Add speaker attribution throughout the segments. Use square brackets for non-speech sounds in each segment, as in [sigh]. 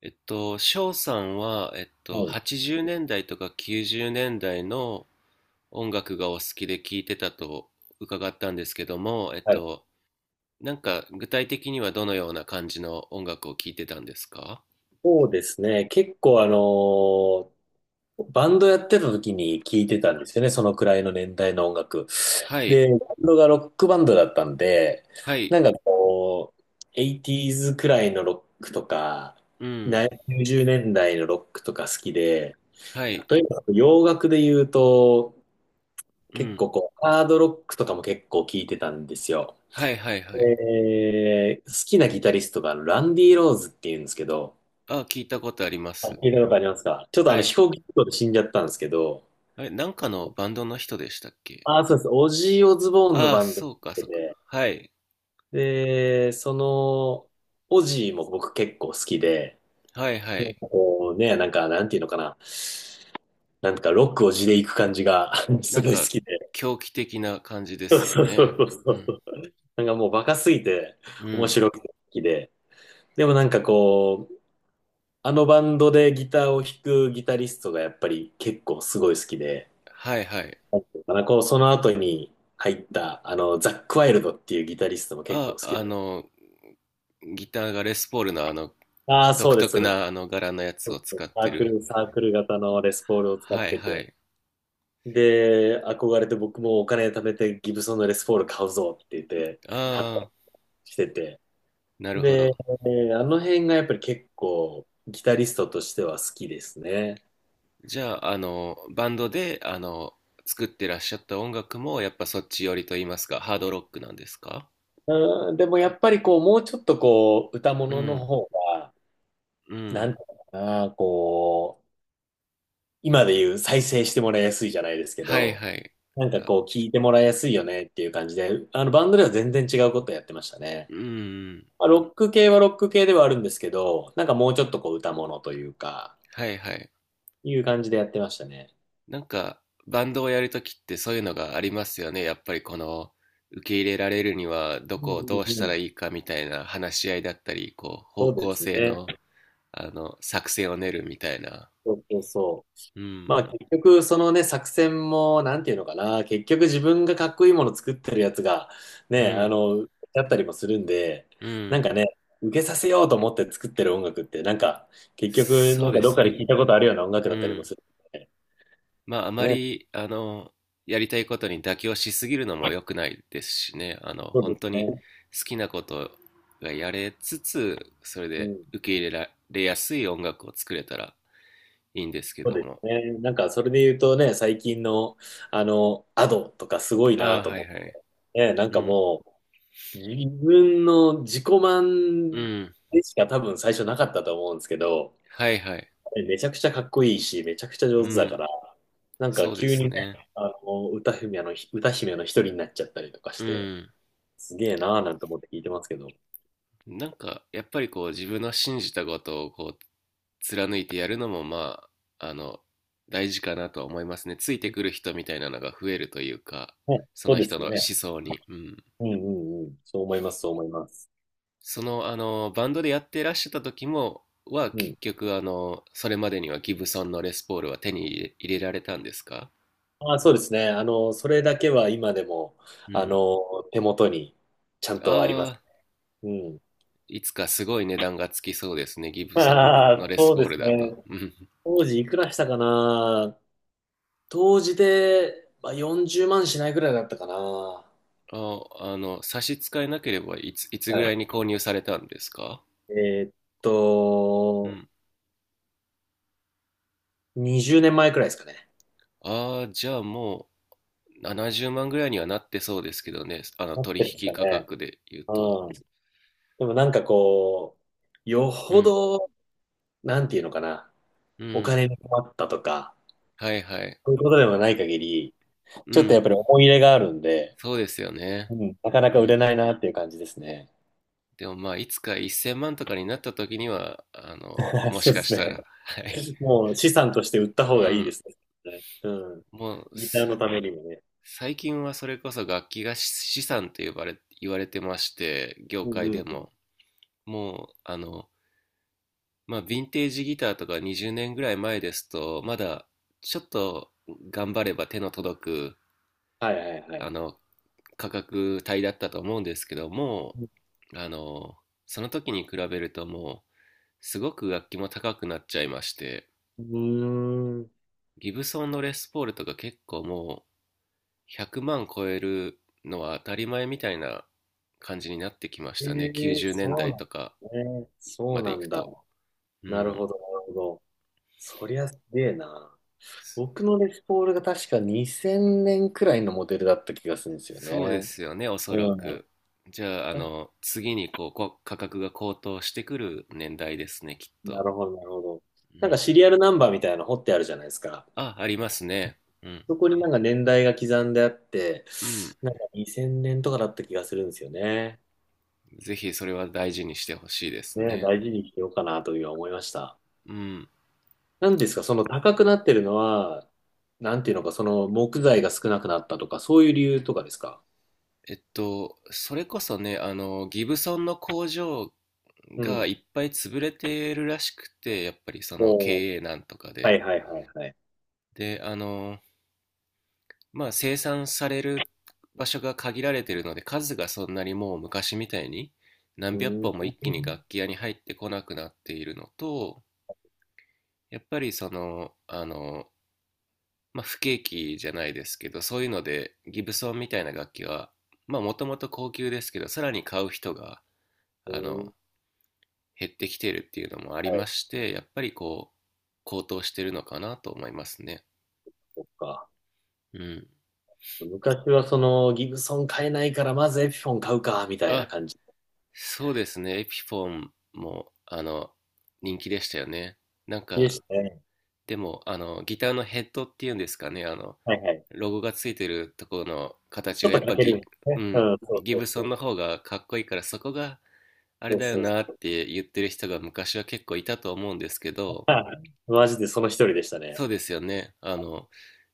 Speaker 1: 翔さんは、
Speaker 2: はい。
Speaker 1: 80年代とか90年代の音楽がお好きで聴いてたと伺ったんですけども、
Speaker 2: はい。
Speaker 1: なんか具体的にはどのような感じの音楽を聴いてたんですか？
Speaker 2: そうですね。結構バンドやってた時に聞いてたんですよね。そのくらいの年代の音楽。
Speaker 1: は
Speaker 2: で、
Speaker 1: い、
Speaker 2: バンドがロックバンドだったんで、
Speaker 1: はい、
Speaker 2: なんかこう、80s くらいのロックとか、
Speaker 1: うん、
Speaker 2: 90年代のロックとか好きで、
Speaker 1: はい、
Speaker 2: 例えば洋楽で言うと、
Speaker 1: う
Speaker 2: 結
Speaker 1: ん、
Speaker 2: 構ハードロックとかも結構聞いてたんですよ。
Speaker 1: はい、はい、はい。
Speaker 2: 好きなギタリストがランディ・ローズっていうんですけど、
Speaker 1: あ、聞いたことありま
Speaker 2: あ、
Speaker 1: す。
Speaker 2: 聞いたことありますか？ちょっとあ
Speaker 1: は
Speaker 2: の
Speaker 1: い。
Speaker 2: 飛行機事故で死んじゃったんですけど、
Speaker 1: あれ、なんかのバンドの人でしたっけ？
Speaker 2: あ、そうです。オジー・オズボーンの
Speaker 1: ああ、
Speaker 2: バンドに
Speaker 1: そ
Speaker 2: っ
Speaker 1: うか、
Speaker 2: て
Speaker 1: そうか。
Speaker 2: て、
Speaker 1: はい、
Speaker 2: で、オジーも僕結構好きで、
Speaker 1: はい、はい。
Speaker 2: なんていうのかな。ロックを地で行く感じが [laughs] す
Speaker 1: なん
Speaker 2: ごい好
Speaker 1: か、
Speaker 2: きで。
Speaker 1: 狂気的な感じで
Speaker 2: そう
Speaker 1: すよ
Speaker 2: そうそ
Speaker 1: ね。
Speaker 2: うそ
Speaker 1: う
Speaker 2: うそ
Speaker 1: ん。
Speaker 2: う。もうバカすぎて
Speaker 1: う
Speaker 2: 面
Speaker 1: ん。
Speaker 2: 白くて好きで。でもあのバンドでギターを弾くギタリストがやっぱり結構すごい好きで、
Speaker 1: はいはい。
Speaker 2: まあこう、その後に入った、ザック・ワイルドっていうギタリストも結構
Speaker 1: あ、
Speaker 2: 好き
Speaker 1: あ
Speaker 2: で。
Speaker 1: の、ギターがレスポールのあの、
Speaker 2: ああ、
Speaker 1: 独
Speaker 2: そうです、
Speaker 1: 特
Speaker 2: そうです。
Speaker 1: なあの柄のやつ
Speaker 2: そ
Speaker 1: を
Speaker 2: うで
Speaker 1: 使
Speaker 2: す。
Speaker 1: っ
Speaker 2: サ
Speaker 1: て
Speaker 2: ーク
Speaker 1: る。
Speaker 2: ル、サークル型のレスポールを使っ
Speaker 1: はい
Speaker 2: て
Speaker 1: は
Speaker 2: て。
Speaker 1: い。
Speaker 2: で、憧れて僕もお金貯めてギブソンのレスポール買うぞって言って、買ったり
Speaker 1: ああ、
Speaker 2: してて。
Speaker 1: なるほ
Speaker 2: で、
Speaker 1: ど。
Speaker 2: あの辺がやっぱり結構ギタリストとしては好きですね。
Speaker 1: じゃあ、あの、バンドで、あの、作ってらっしゃった音楽も、やっぱそっち寄りと言いますか、ハードロックなんですか？
Speaker 2: うん、でもやっぱりもうちょっと歌
Speaker 1: う
Speaker 2: 物の
Speaker 1: ん、
Speaker 2: 方が、
Speaker 1: う
Speaker 2: なん
Speaker 1: ん。
Speaker 2: ていうのかな、今で言う再生してもらいやすいじゃないですけ
Speaker 1: はい
Speaker 2: ど、
Speaker 1: はい。あ、
Speaker 2: 聞いてもらいやすいよねっていう感じで、あのバンドでは全然違うことやってましたね。
Speaker 1: うん、
Speaker 2: まあ、ロック系はロック系ではあるんですけど、もうちょっと歌物というか、
Speaker 1: はいはい。
Speaker 2: いう感じでやってましたね。
Speaker 1: なんか、バンドをやるときってそういうのがありますよね。やっぱりこの、受け入れられるにはど
Speaker 2: うん
Speaker 1: こをど
Speaker 2: う
Speaker 1: うし
Speaker 2: んう
Speaker 1: た
Speaker 2: ん。
Speaker 1: らいいかみたいな話し合いだったり、こう、
Speaker 2: そ
Speaker 1: 方
Speaker 2: うで
Speaker 1: 向
Speaker 2: す
Speaker 1: 性
Speaker 2: ね。
Speaker 1: の、あの、作戦を練るみたいな。
Speaker 2: そうそうそう。
Speaker 1: うん、
Speaker 2: まあ結局、そのね、作戦も、なんていうのかな、結局自分がかっこいいもの作ってるやつが、
Speaker 1: う
Speaker 2: ね、
Speaker 1: ん、
Speaker 2: だったりもするんで、
Speaker 1: うん。
Speaker 2: ね、受けさせようと思って作ってる音楽って、結局
Speaker 1: そうで
Speaker 2: どっ
Speaker 1: す
Speaker 2: かで
Speaker 1: ね。
Speaker 2: 聞いたことあるような音楽
Speaker 1: う
Speaker 2: だったりも
Speaker 1: ん。
Speaker 2: するんで、
Speaker 1: まあ、あま
Speaker 2: ね。
Speaker 1: り、あの、やりたいことに妥協しすぎるのも良くないですしね。あの、
Speaker 2: そうで
Speaker 1: 本
Speaker 2: す
Speaker 1: 当に
Speaker 2: ね、
Speaker 1: 好きなことがやれつつ、それ
Speaker 2: う
Speaker 1: で
Speaker 2: ん、
Speaker 1: 受け入れられやすい音楽を作れたらいいんですけ
Speaker 2: そう
Speaker 1: ど
Speaker 2: で
Speaker 1: も。
Speaker 2: すね。それで言うとね、最近のあのアドとかすごい
Speaker 1: あ
Speaker 2: な
Speaker 1: あ、
Speaker 2: と
Speaker 1: はい
Speaker 2: 思っ
Speaker 1: は
Speaker 2: て、
Speaker 1: い。
Speaker 2: ね。
Speaker 1: うん。
Speaker 2: もう自分の自己
Speaker 1: う
Speaker 2: 満
Speaker 1: ん。
Speaker 2: でしか多分最初なかったと思うんですけど、
Speaker 1: はいはい。
Speaker 2: ね。めちゃくちゃかっこいいし、めちゃくちゃ上
Speaker 1: う
Speaker 2: 手だか
Speaker 1: ん。
Speaker 2: ら、
Speaker 1: そうで
Speaker 2: 急に
Speaker 1: す
Speaker 2: ね、
Speaker 1: ね。
Speaker 2: 歌姫の一人になっちゃったりとかし
Speaker 1: う
Speaker 2: て、
Speaker 1: ん。
Speaker 2: すげえなーなんて思って聞いてますけど。
Speaker 1: なんか、やっぱりこう、自分の信じたことをこう、貫いてやるのも、まあ、あの、大事かなとは思いますね。ついてくる人みたいなのが増えるというか、
Speaker 2: ね、
Speaker 1: そ
Speaker 2: そう
Speaker 1: の
Speaker 2: で
Speaker 1: 人
Speaker 2: す
Speaker 1: の思
Speaker 2: ね。
Speaker 1: 想に。うん。
Speaker 2: うんうんうん。そう思います、そう思います。
Speaker 1: その、あの、バンドでやってらっしゃった時も、は
Speaker 2: うん。
Speaker 1: 結局、あの、それまでにはギブソンのレスポールは手に入れられたんですか？
Speaker 2: そうですね。それだけは今でも、
Speaker 1: うん。
Speaker 2: 手元にちゃん
Speaker 1: あ
Speaker 2: とあります。
Speaker 1: あ、
Speaker 2: うん。
Speaker 1: いつかすごい値段がつきそうですね、ギブソン
Speaker 2: あ
Speaker 1: の
Speaker 2: あ、
Speaker 1: レス
Speaker 2: そう
Speaker 1: ポー
Speaker 2: です
Speaker 1: ルだと。
Speaker 2: ね。
Speaker 1: うん。
Speaker 2: 当時いくらしたかな。当時で、まあ、40万しないぐらいだったかな。は
Speaker 1: あ、あの、差し支えなければいつぐらい
Speaker 2: い。
Speaker 1: に購入されたんですか？
Speaker 2: えーっ
Speaker 1: う
Speaker 2: と、
Speaker 1: ん。
Speaker 2: 20年前くらいですかね。
Speaker 1: ああ、じゃあもう70万ぐらいにはなってそうですけどね、あの
Speaker 2: なっ
Speaker 1: 取
Speaker 2: てるんです
Speaker 1: 引
Speaker 2: か
Speaker 1: 価
Speaker 2: ね。
Speaker 1: 格で言うと。
Speaker 2: うん。でもよ
Speaker 1: う
Speaker 2: ほ
Speaker 1: ん、
Speaker 2: ど、なんていうのかな、
Speaker 1: う
Speaker 2: お
Speaker 1: ん、
Speaker 2: 金に困ったとか、
Speaker 1: はいはい。
Speaker 2: そういうことではない限り、
Speaker 1: う
Speaker 2: ちょっとや
Speaker 1: ん、
Speaker 2: っぱり思い入れがあるんで、
Speaker 1: そうですよね。
Speaker 2: うん、なかな
Speaker 1: う
Speaker 2: か売れ
Speaker 1: ん。
Speaker 2: ないなっていう感じですね。
Speaker 1: でもまあ、いつか1000万とかになった時には、あの、
Speaker 2: [laughs]
Speaker 1: も
Speaker 2: そ
Speaker 1: し
Speaker 2: うで
Speaker 1: か
Speaker 2: す
Speaker 1: した
Speaker 2: ね。
Speaker 1: ら、はい。
Speaker 2: もう資産として売った方
Speaker 1: う
Speaker 2: がいいで
Speaker 1: ん。
Speaker 2: すね。うん。
Speaker 1: もう
Speaker 2: ギターのためにもね。
Speaker 1: 最近はそれこそ楽器が資産と呼ばれ、言われてまして、業
Speaker 2: うん
Speaker 1: 界
Speaker 2: う
Speaker 1: で
Speaker 2: んうん。
Speaker 1: も。もう、あの、まあ、ヴィンテージギターとか20年ぐらい前ですと、まだちょっと頑張れば手の届く、
Speaker 2: はいはいは
Speaker 1: あ
Speaker 2: い。
Speaker 1: の、価格帯だったと思うんですけども、あの、その時に比べるともう、すごく楽器も高くなっちゃいまして、
Speaker 2: うーん。
Speaker 1: ギブソンのレスポールとか結構も100万超えるのは当たり前みたいな感じになってきまし
Speaker 2: え
Speaker 1: たね。
Speaker 2: え、
Speaker 1: 90年
Speaker 2: そう
Speaker 1: 代
Speaker 2: な
Speaker 1: とか
Speaker 2: んね。そ
Speaker 1: ま
Speaker 2: う
Speaker 1: で
Speaker 2: な
Speaker 1: 行く
Speaker 2: んだ。
Speaker 1: と。う
Speaker 2: なる
Speaker 1: ん。
Speaker 2: ほど、なるほど。そりゃすげえな。
Speaker 1: そ
Speaker 2: 僕のレスポールが確か2000年くらいのモデルだった気がするんですよ
Speaker 1: そうで
Speaker 2: ね。
Speaker 1: すよね、おそら
Speaker 2: うん。
Speaker 1: く。じゃあ、あ
Speaker 2: 確か
Speaker 1: の、次にこう、価格が高騰してくる年代ですね、きっ
Speaker 2: な
Speaker 1: と。
Speaker 2: るほど、なるほど。
Speaker 1: うん。
Speaker 2: シリアルナンバーみたいなの掘ってあるじゃないですか。
Speaker 1: あ、ありますね。うん。
Speaker 2: そこに年代が刻んであって、
Speaker 1: うん。
Speaker 2: 2000年とかだった気がするんですよね。
Speaker 1: ぜひそれは大事にしてほしいです
Speaker 2: ねえ、
Speaker 1: ね。
Speaker 2: 大事にしてようかなというふうに思いました。
Speaker 1: うん。
Speaker 2: なんですか、その高くなってるのは、なんていうのか、その木材が少なくなったとか、そういう理由とかですか？
Speaker 1: それこそね、あの、ギブソンの工場
Speaker 2: う
Speaker 1: が
Speaker 2: ん。
Speaker 1: いっぱい潰れてるらしくて、やっぱりその
Speaker 2: おー、
Speaker 1: 経営難とか
Speaker 2: は
Speaker 1: で。
Speaker 2: いはいはいはい。
Speaker 1: で、あの、まあ生産される場所が限られてるので、数がそんなにもう昔みたいに
Speaker 2: う
Speaker 1: 何百
Speaker 2: ー
Speaker 1: 本も
Speaker 2: ん。
Speaker 1: 一気に楽器屋に入ってこなくなっているのと、やっぱりその、あの、まあ不景気じゃないですけど、そういうのでギブソンみたいな楽器は、まあもともと高級ですけど、さらに買う人が、
Speaker 2: え
Speaker 1: あ
Speaker 2: ー、
Speaker 1: の、減ってきているっていうのもあり
Speaker 2: は
Speaker 1: ま
Speaker 2: い、
Speaker 1: して、やっぱりこう、高騰してるのかなと思いますね。
Speaker 2: そっか。
Speaker 1: うん。
Speaker 2: 昔はそのギブソン買えないから、まずエピフォン買うか、みたいな
Speaker 1: あ、
Speaker 2: 感じ
Speaker 1: そうですね。エピフォンも、あの、人気でしたよね。なん
Speaker 2: でし
Speaker 1: か、
Speaker 2: たね。
Speaker 1: でも、あの、ギターのヘッドっていうんですかね、あの、
Speaker 2: はいはい。
Speaker 1: ロゴがついてるところの形
Speaker 2: ちょっ
Speaker 1: が、や
Speaker 2: と
Speaker 1: っ
Speaker 2: か
Speaker 1: ぱ
Speaker 2: けるんです
Speaker 1: う
Speaker 2: ね。う
Speaker 1: ん、
Speaker 2: ん、そう
Speaker 1: ギ
Speaker 2: そう
Speaker 1: ブ
Speaker 2: そ
Speaker 1: ソン
Speaker 2: う。
Speaker 1: の方がかっこいいから、そこがあれ
Speaker 2: そう
Speaker 1: だよ
Speaker 2: そうそ
Speaker 1: な
Speaker 2: う。
Speaker 1: って言ってる人が昔は結構いたと思うんですけど、
Speaker 2: はい。マジでその一人でしたね。
Speaker 1: そうですよね。あの、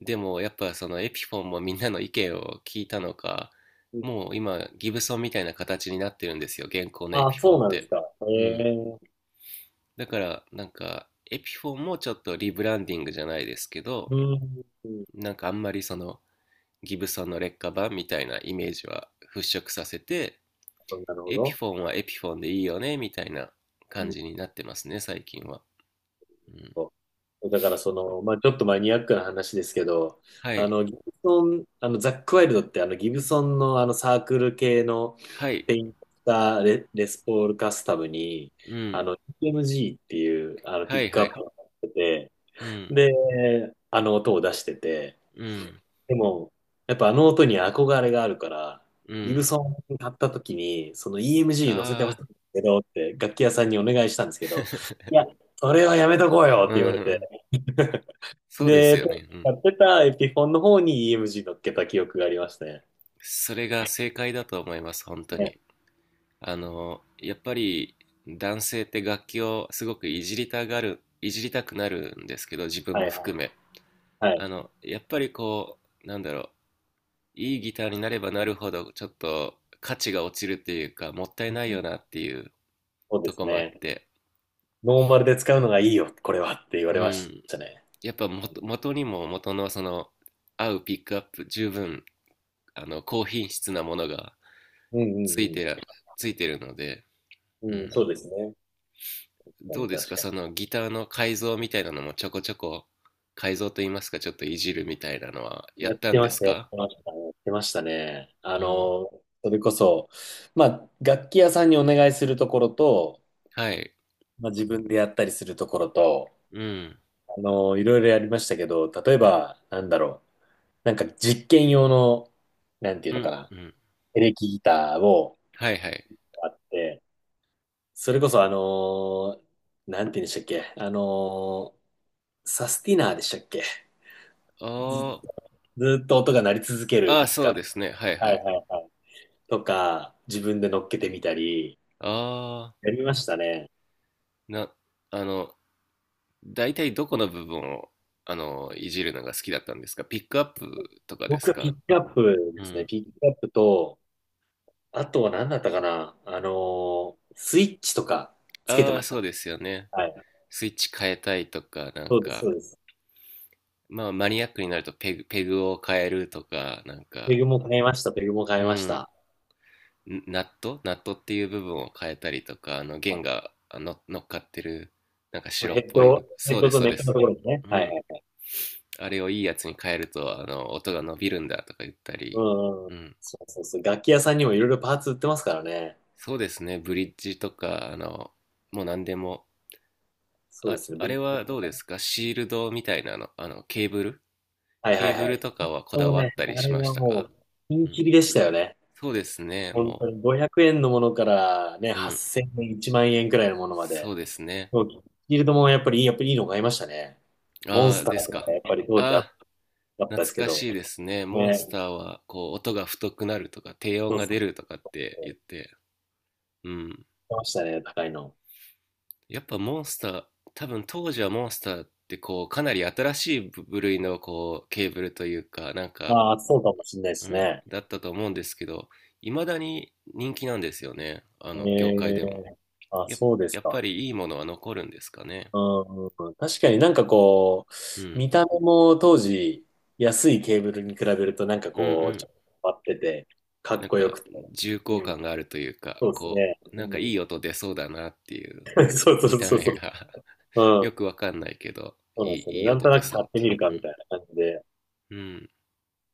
Speaker 1: でもやっぱそのエピフォンもみんなの意見を聞いたのか、
Speaker 2: うん。
Speaker 1: もう今ギブソンみたいな形になってるんですよ、現行のエ
Speaker 2: あ、
Speaker 1: ピフォ
Speaker 2: そ
Speaker 1: ン
Speaker 2: う
Speaker 1: っ
Speaker 2: なんです
Speaker 1: て。
Speaker 2: か。え
Speaker 1: うん。
Speaker 2: え。
Speaker 1: だからなんかエピフォンもちょっとリブランディングじゃないですけど、
Speaker 2: うん。なる
Speaker 1: なんかあんまりそのギブソンの劣化版みたいなイメージは払拭させて、
Speaker 2: ほど。なるほ
Speaker 1: エピ
Speaker 2: ど。
Speaker 1: フォンはエピフォンでいいよねみたいな感じになってますね、最近は。うん。
Speaker 2: だから、その、まあ、ちょっとマニアックな話ですけど、
Speaker 1: は
Speaker 2: あ
Speaker 1: い。
Speaker 2: の、ギブソン、あの、ザックワイルドってあの、ギブソンのあの、サークル系の
Speaker 1: はい。
Speaker 2: ペインタレ、レスポールカスタムに、
Speaker 1: うん。
Speaker 2: EMG っていう、ピ
Speaker 1: は
Speaker 2: ッ
Speaker 1: い
Speaker 2: ク
Speaker 1: は
Speaker 2: アッ
Speaker 1: い。
Speaker 2: プをやってて、
Speaker 1: うん。
Speaker 2: で、あの音を出してて、
Speaker 1: うん。
Speaker 2: でも、やっぱあの音に憧れがあるから、
Speaker 1: う
Speaker 2: ギブ
Speaker 1: ん。
Speaker 2: ソン買った時に、その EMG 乗せてほ
Speaker 1: あ
Speaker 2: しい
Speaker 1: あ、
Speaker 2: んですけどって、楽器屋さんにお願いしたんですけど、い
Speaker 1: [laughs]
Speaker 2: や、それはやめとこうよ
Speaker 1: う
Speaker 2: って言われて、
Speaker 1: ん。そうです
Speaker 2: で、
Speaker 1: よ
Speaker 2: 当時
Speaker 1: ね。うん。
Speaker 2: 使ってたエピフォンの方に EMG 乗っけた記憶がありましたね。
Speaker 1: それが正解だと思います、本当
Speaker 2: ね。
Speaker 1: に。あの、やっぱり男性って楽器をすごくいじりたがる、いじりたくなるんですけど、自分
Speaker 2: は
Speaker 1: も
Speaker 2: いは
Speaker 1: 含
Speaker 2: い
Speaker 1: め。
Speaker 2: はい。
Speaker 1: あの、やっぱりこう、なんだろう、いいギターになればなるほど、ちょっと価値が落ちるっていうか、もったい
Speaker 2: う
Speaker 1: ない
Speaker 2: ん。
Speaker 1: よなっていう
Speaker 2: そうで
Speaker 1: と
Speaker 2: す
Speaker 1: こもあっ
Speaker 2: ね。
Speaker 1: て、
Speaker 2: ノーマルで使うのがいいよ、これはって言われ
Speaker 1: う
Speaker 2: まし
Speaker 1: ん。
Speaker 2: たね。
Speaker 1: やっぱ元、元にも元のその、合うピックアップ十分あの、高品質なものが
Speaker 2: うん
Speaker 1: つい
Speaker 2: う
Speaker 1: てら、
Speaker 2: ん
Speaker 1: ついてるので、
Speaker 2: う
Speaker 1: う
Speaker 2: ん。うん、そう
Speaker 1: ん。
Speaker 2: ですね。確か
Speaker 1: ど
Speaker 2: に
Speaker 1: うです
Speaker 2: 確
Speaker 1: か
Speaker 2: か
Speaker 1: そのギターの改造みたいなのもちょこちょこ改造といいますか、ちょっといじるみたいなのは
Speaker 2: に。
Speaker 1: や
Speaker 2: やっ
Speaker 1: った
Speaker 2: て
Speaker 1: んで
Speaker 2: まし
Speaker 1: す
Speaker 2: た、やっ
Speaker 1: か？
Speaker 2: てました、やってましたね。
Speaker 1: うん。
Speaker 2: それこそ、まあ、楽器屋さんにお願いするところと、
Speaker 1: はい。
Speaker 2: まあ、自分でやったりするところと、
Speaker 1: うん。
Speaker 2: いろいろやりましたけど、例えば、なんだろう。実験用の、なんていう
Speaker 1: う
Speaker 2: のか
Speaker 1: ん。
Speaker 2: な。
Speaker 1: うん。
Speaker 2: エレキギターを
Speaker 1: はいはい。
Speaker 2: あって、それこそなんて言うんでしたっけ。サスティナーでしたっけ。
Speaker 1: あ
Speaker 2: ず、
Speaker 1: ー
Speaker 2: ずっと音が鳴り続ける
Speaker 1: ああ、
Speaker 2: ピック
Speaker 1: そ
Speaker 2: ア
Speaker 1: う
Speaker 2: ップ。
Speaker 1: ですね。はい
Speaker 2: は
Speaker 1: は
Speaker 2: い
Speaker 1: い。
Speaker 2: はいはい。とか、自分で乗っけてみたり、
Speaker 1: ああ、
Speaker 2: やりましたね。
Speaker 1: な、あの、大体どこの部分を、あの、いじるのが好きだったんですかピックアップとかで
Speaker 2: 僕
Speaker 1: す
Speaker 2: はピッ
Speaker 1: か？
Speaker 2: クアップ
Speaker 1: う
Speaker 2: ですね。
Speaker 1: ん。
Speaker 2: ピックアップと、あとは何だったかな。スイッチとかつけて
Speaker 1: ああ、
Speaker 2: ました。
Speaker 1: そうですよね。
Speaker 2: はい。
Speaker 1: スイッチ変えたいとか、なん
Speaker 2: そうです、
Speaker 1: か、
Speaker 2: そうです。
Speaker 1: まあマニアックになるとペグを変えるとか、なん
Speaker 2: ペ
Speaker 1: か、
Speaker 2: グも買いました、ペグも買
Speaker 1: う
Speaker 2: いまし
Speaker 1: ん、
Speaker 2: た。
Speaker 1: ナットっていう部分を変えたりとか、あの弦があの乗っかってる、なんか白
Speaker 2: ヘ
Speaker 1: っ
Speaker 2: ッ
Speaker 1: ぽい
Speaker 2: ド、ヘ
Speaker 1: そ
Speaker 2: ッ
Speaker 1: うで
Speaker 2: ド
Speaker 1: す、
Speaker 2: と
Speaker 1: そう
Speaker 2: ネ
Speaker 1: で
Speaker 2: ックのと
Speaker 1: す。
Speaker 2: ころですね。
Speaker 1: う
Speaker 2: はい
Speaker 1: ん。
Speaker 2: はい。
Speaker 1: あれをいいやつに変えると、あの、音が伸びるんだとか言ったり、
Speaker 2: うんうん。
Speaker 1: うん。
Speaker 2: そうそうそう。楽器屋さんにもいろいろパーツ売ってますからね。
Speaker 1: そうですね、ブリッジとか、あの、もう何でも、
Speaker 2: そうで
Speaker 1: あ、
Speaker 2: すね、
Speaker 1: あ
Speaker 2: ブリッ
Speaker 1: れ
Speaker 2: ジも
Speaker 1: は
Speaker 2: 買い
Speaker 1: どう
Speaker 2: ま
Speaker 1: です
Speaker 2: し
Speaker 1: かシールドみたいなの、あの、
Speaker 2: た。はい
Speaker 1: ケ
Speaker 2: は
Speaker 1: ー
Speaker 2: い
Speaker 1: ブ
Speaker 2: は
Speaker 1: ル
Speaker 2: い。
Speaker 1: とかはこだ
Speaker 2: もう
Speaker 1: わっ
Speaker 2: ね、
Speaker 1: たり
Speaker 2: あ
Speaker 1: し
Speaker 2: れ
Speaker 1: まし
Speaker 2: は
Speaker 1: た
Speaker 2: も
Speaker 1: か？
Speaker 2: う、ピン
Speaker 1: うん。
Speaker 2: キリでしたよね。
Speaker 1: そうですね、
Speaker 2: 本当
Speaker 1: も
Speaker 2: に500円のものからね、
Speaker 1: う。うん。
Speaker 2: 8000円、1万円くらいのものま
Speaker 1: そ
Speaker 2: で。
Speaker 1: うですね。
Speaker 2: そうフィールドもやっぱりいいの買いましたね。モン
Speaker 1: あ
Speaker 2: ス
Speaker 1: あ、
Speaker 2: ター
Speaker 1: です
Speaker 2: とか
Speaker 1: か。
Speaker 2: やっぱり当時か
Speaker 1: ああ、
Speaker 2: ったです
Speaker 1: 懐
Speaker 2: け
Speaker 1: か
Speaker 2: ど。
Speaker 1: しいですね。モン
Speaker 2: ね、
Speaker 1: スターは、こう、音が太くなるとか、低音
Speaker 2: そう
Speaker 1: が
Speaker 2: そう。
Speaker 1: 出るとかって言って。うん。
Speaker 2: 来ましたね、高いの。
Speaker 1: やっぱモンスター、多分当時はモンスターって、こう、かなり新しい部類の、こう、ケーブルというか、なんか、
Speaker 2: ああ、そうかもしれないで
Speaker 1: う
Speaker 2: す
Speaker 1: ん、
Speaker 2: ね。
Speaker 1: だったと思うんですけど、いまだに人気なんですよね。あの、業界
Speaker 2: ええ。
Speaker 1: でも。
Speaker 2: あ、
Speaker 1: や、
Speaker 2: そうです
Speaker 1: やっ
Speaker 2: か。
Speaker 1: ぱりいいものは残るんですかね。
Speaker 2: うんうん。確かに
Speaker 1: うん。
Speaker 2: 見た目も当時、安いケーブルに比べると
Speaker 1: うんう
Speaker 2: ち
Speaker 1: ん。
Speaker 2: ょっと変わってて、かっ
Speaker 1: なん
Speaker 2: こよく
Speaker 1: か、
Speaker 2: て。
Speaker 1: 重厚
Speaker 2: うん、
Speaker 1: 感があるというか、
Speaker 2: そうです
Speaker 1: こ
Speaker 2: ね。
Speaker 1: う、なんかい
Speaker 2: う
Speaker 1: い音出そうだなっていう、
Speaker 2: ん、[laughs] そうそ
Speaker 1: 見
Speaker 2: う
Speaker 1: た
Speaker 2: そうそ
Speaker 1: 目が [laughs]
Speaker 2: う。うん、
Speaker 1: よくわかんないけど、
Speaker 2: そうなんですよ
Speaker 1: い
Speaker 2: ね。
Speaker 1: い
Speaker 2: なん
Speaker 1: 音
Speaker 2: と
Speaker 1: 出
Speaker 2: なく
Speaker 1: そ
Speaker 2: 買
Speaker 1: うっ
Speaker 2: って
Speaker 1: て
Speaker 2: みるか
Speaker 1: い
Speaker 2: み
Speaker 1: う。
Speaker 2: たいな感じで。
Speaker 1: うん。うん。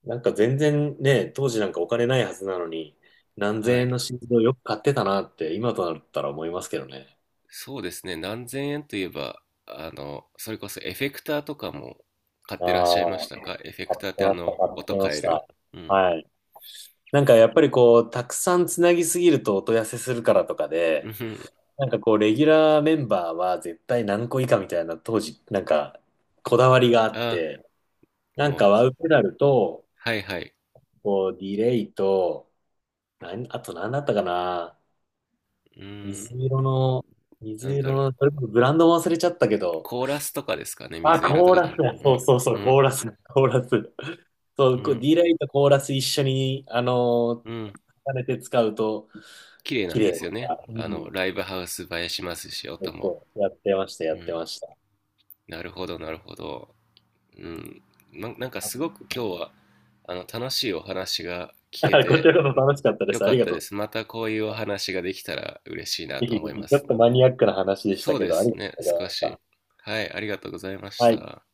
Speaker 2: 全然ね、当時お金ないはずなのに、何
Speaker 1: は
Speaker 2: 千
Speaker 1: い。
Speaker 2: 円の心臓をよく買ってたなって、今となったら思いますけどね。
Speaker 1: そうですね。何千円といえば、あの、それこそエフェクターとかも買っ
Speaker 2: あ
Speaker 1: てらっしゃいました
Speaker 2: あ、
Speaker 1: か？エフェク
Speaker 2: 買っ
Speaker 1: ターっ
Speaker 2: て
Speaker 1: て
Speaker 2: ま
Speaker 1: あ
Speaker 2: した、
Speaker 1: の、
Speaker 2: 買って
Speaker 1: 音
Speaker 2: ま
Speaker 1: 変
Speaker 2: し
Speaker 1: える。
Speaker 2: た。
Speaker 1: うん。
Speaker 2: はい。やっぱりたくさんつなぎすぎると音痩せするからとか
Speaker 1: う
Speaker 2: で、
Speaker 1: ん。
Speaker 2: レギュラーメンバーは絶対何個以下みたいな当時、こだわりがあっ
Speaker 1: あ、
Speaker 2: て、
Speaker 1: もう、
Speaker 2: ワウペダルと、
Speaker 1: はいはい。
Speaker 2: こう、ディレイと、あと何だったかな。
Speaker 1: うーん、
Speaker 2: 水色の、
Speaker 1: な
Speaker 2: 水
Speaker 1: んだ
Speaker 2: 色
Speaker 1: ろ
Speaker 2: の、
Speaker 1: う。
Speaker 2: それこそブランドも忘れちゃったけど、
Speaker 1: コーラスとかですかね、
Speaker 2: あ、
Speaker 1: 水色
Speaker 2: コ
Speaker 1: と
Speaker 2: ー
Speaker 1: かだ。
Speaker 2: ラスだ。
Speaker 1: う
Speaker 2: そう
Speaker 1: ん、
Speaker 2: そうそ
Speaker 1: う
Speaker 2: う、コ
Speaker 1: ん、
Speaker 2: ーラス、コーラス。そ
Speaker 1: う
Speaker 2: う、こう、D
Speaker 1: ん、
Speaker 2: ラインとコーラス一緒に、
Speaker 1: うん。
Speaker 2: 重ねて使うと、
Speaker 1: 綺麗な
Speaker 2: 綺
Speaker 1: ん
Speaker 2: 麗
Speaker 1: です
Speaker 2: だ
Speaker 1: よね。
Speaker 2: から。う
Speaker 1: あ
Speaker 2: ん。
Speaker 1: の、ライブハウス映えしますし、
Speaker 2: そ
Speaker 1: 音
Speaker 2: う
Speaker 1: も。
Speaker 2: そう、やってました、や
Speaker 1: う
Speaker 2: って
Speaker 1: ん。
Speaker 2: ました。
Speaker 1: なるほど、なるほど。うん。なんかすごく今日は、あの、楽しいお話が
Speaker 2: [laughs]
Speaker 1: 聞け
Speaker 2: こちら
Speaker 1: て
Speaker 2: こそ楽しかったで
Speaker 1: よ
Speaker 2: す。あ
Speaker 1: か
Speaker 2: り
Speaker 1: っ
Speaker 2: が
Speaker 1: た
Speaker 2: と
Speaker 1: で
Speaker 2: う。
Speaker 1: す。またこういうお話ができたら嬉しいな
Speaker 2: ぜ
Speaker 1: と
Speaker 2: ひ
Speaker 1: 思
Speaker 2: ぜ
Speaker 1: いま
Speaker 2: ひちょ
Speaker 1: す。
Speaker 2: っとマニアックな話でした
Speaker 1: そう
Speaker 2: け
Speaker 1: で
Speaker 2: ど、あ
Speaker 1: す
Speaker 2: りがと
Speaker 1: ね、
Speaker 2: うござい
Speaker 1: 少
Speaker 2: まし
Speaker 1: し。
Speaker 2: た。
Speaker 1: はい、ありがとうございまし
Speaker 2: はい。
Speaker 1: た。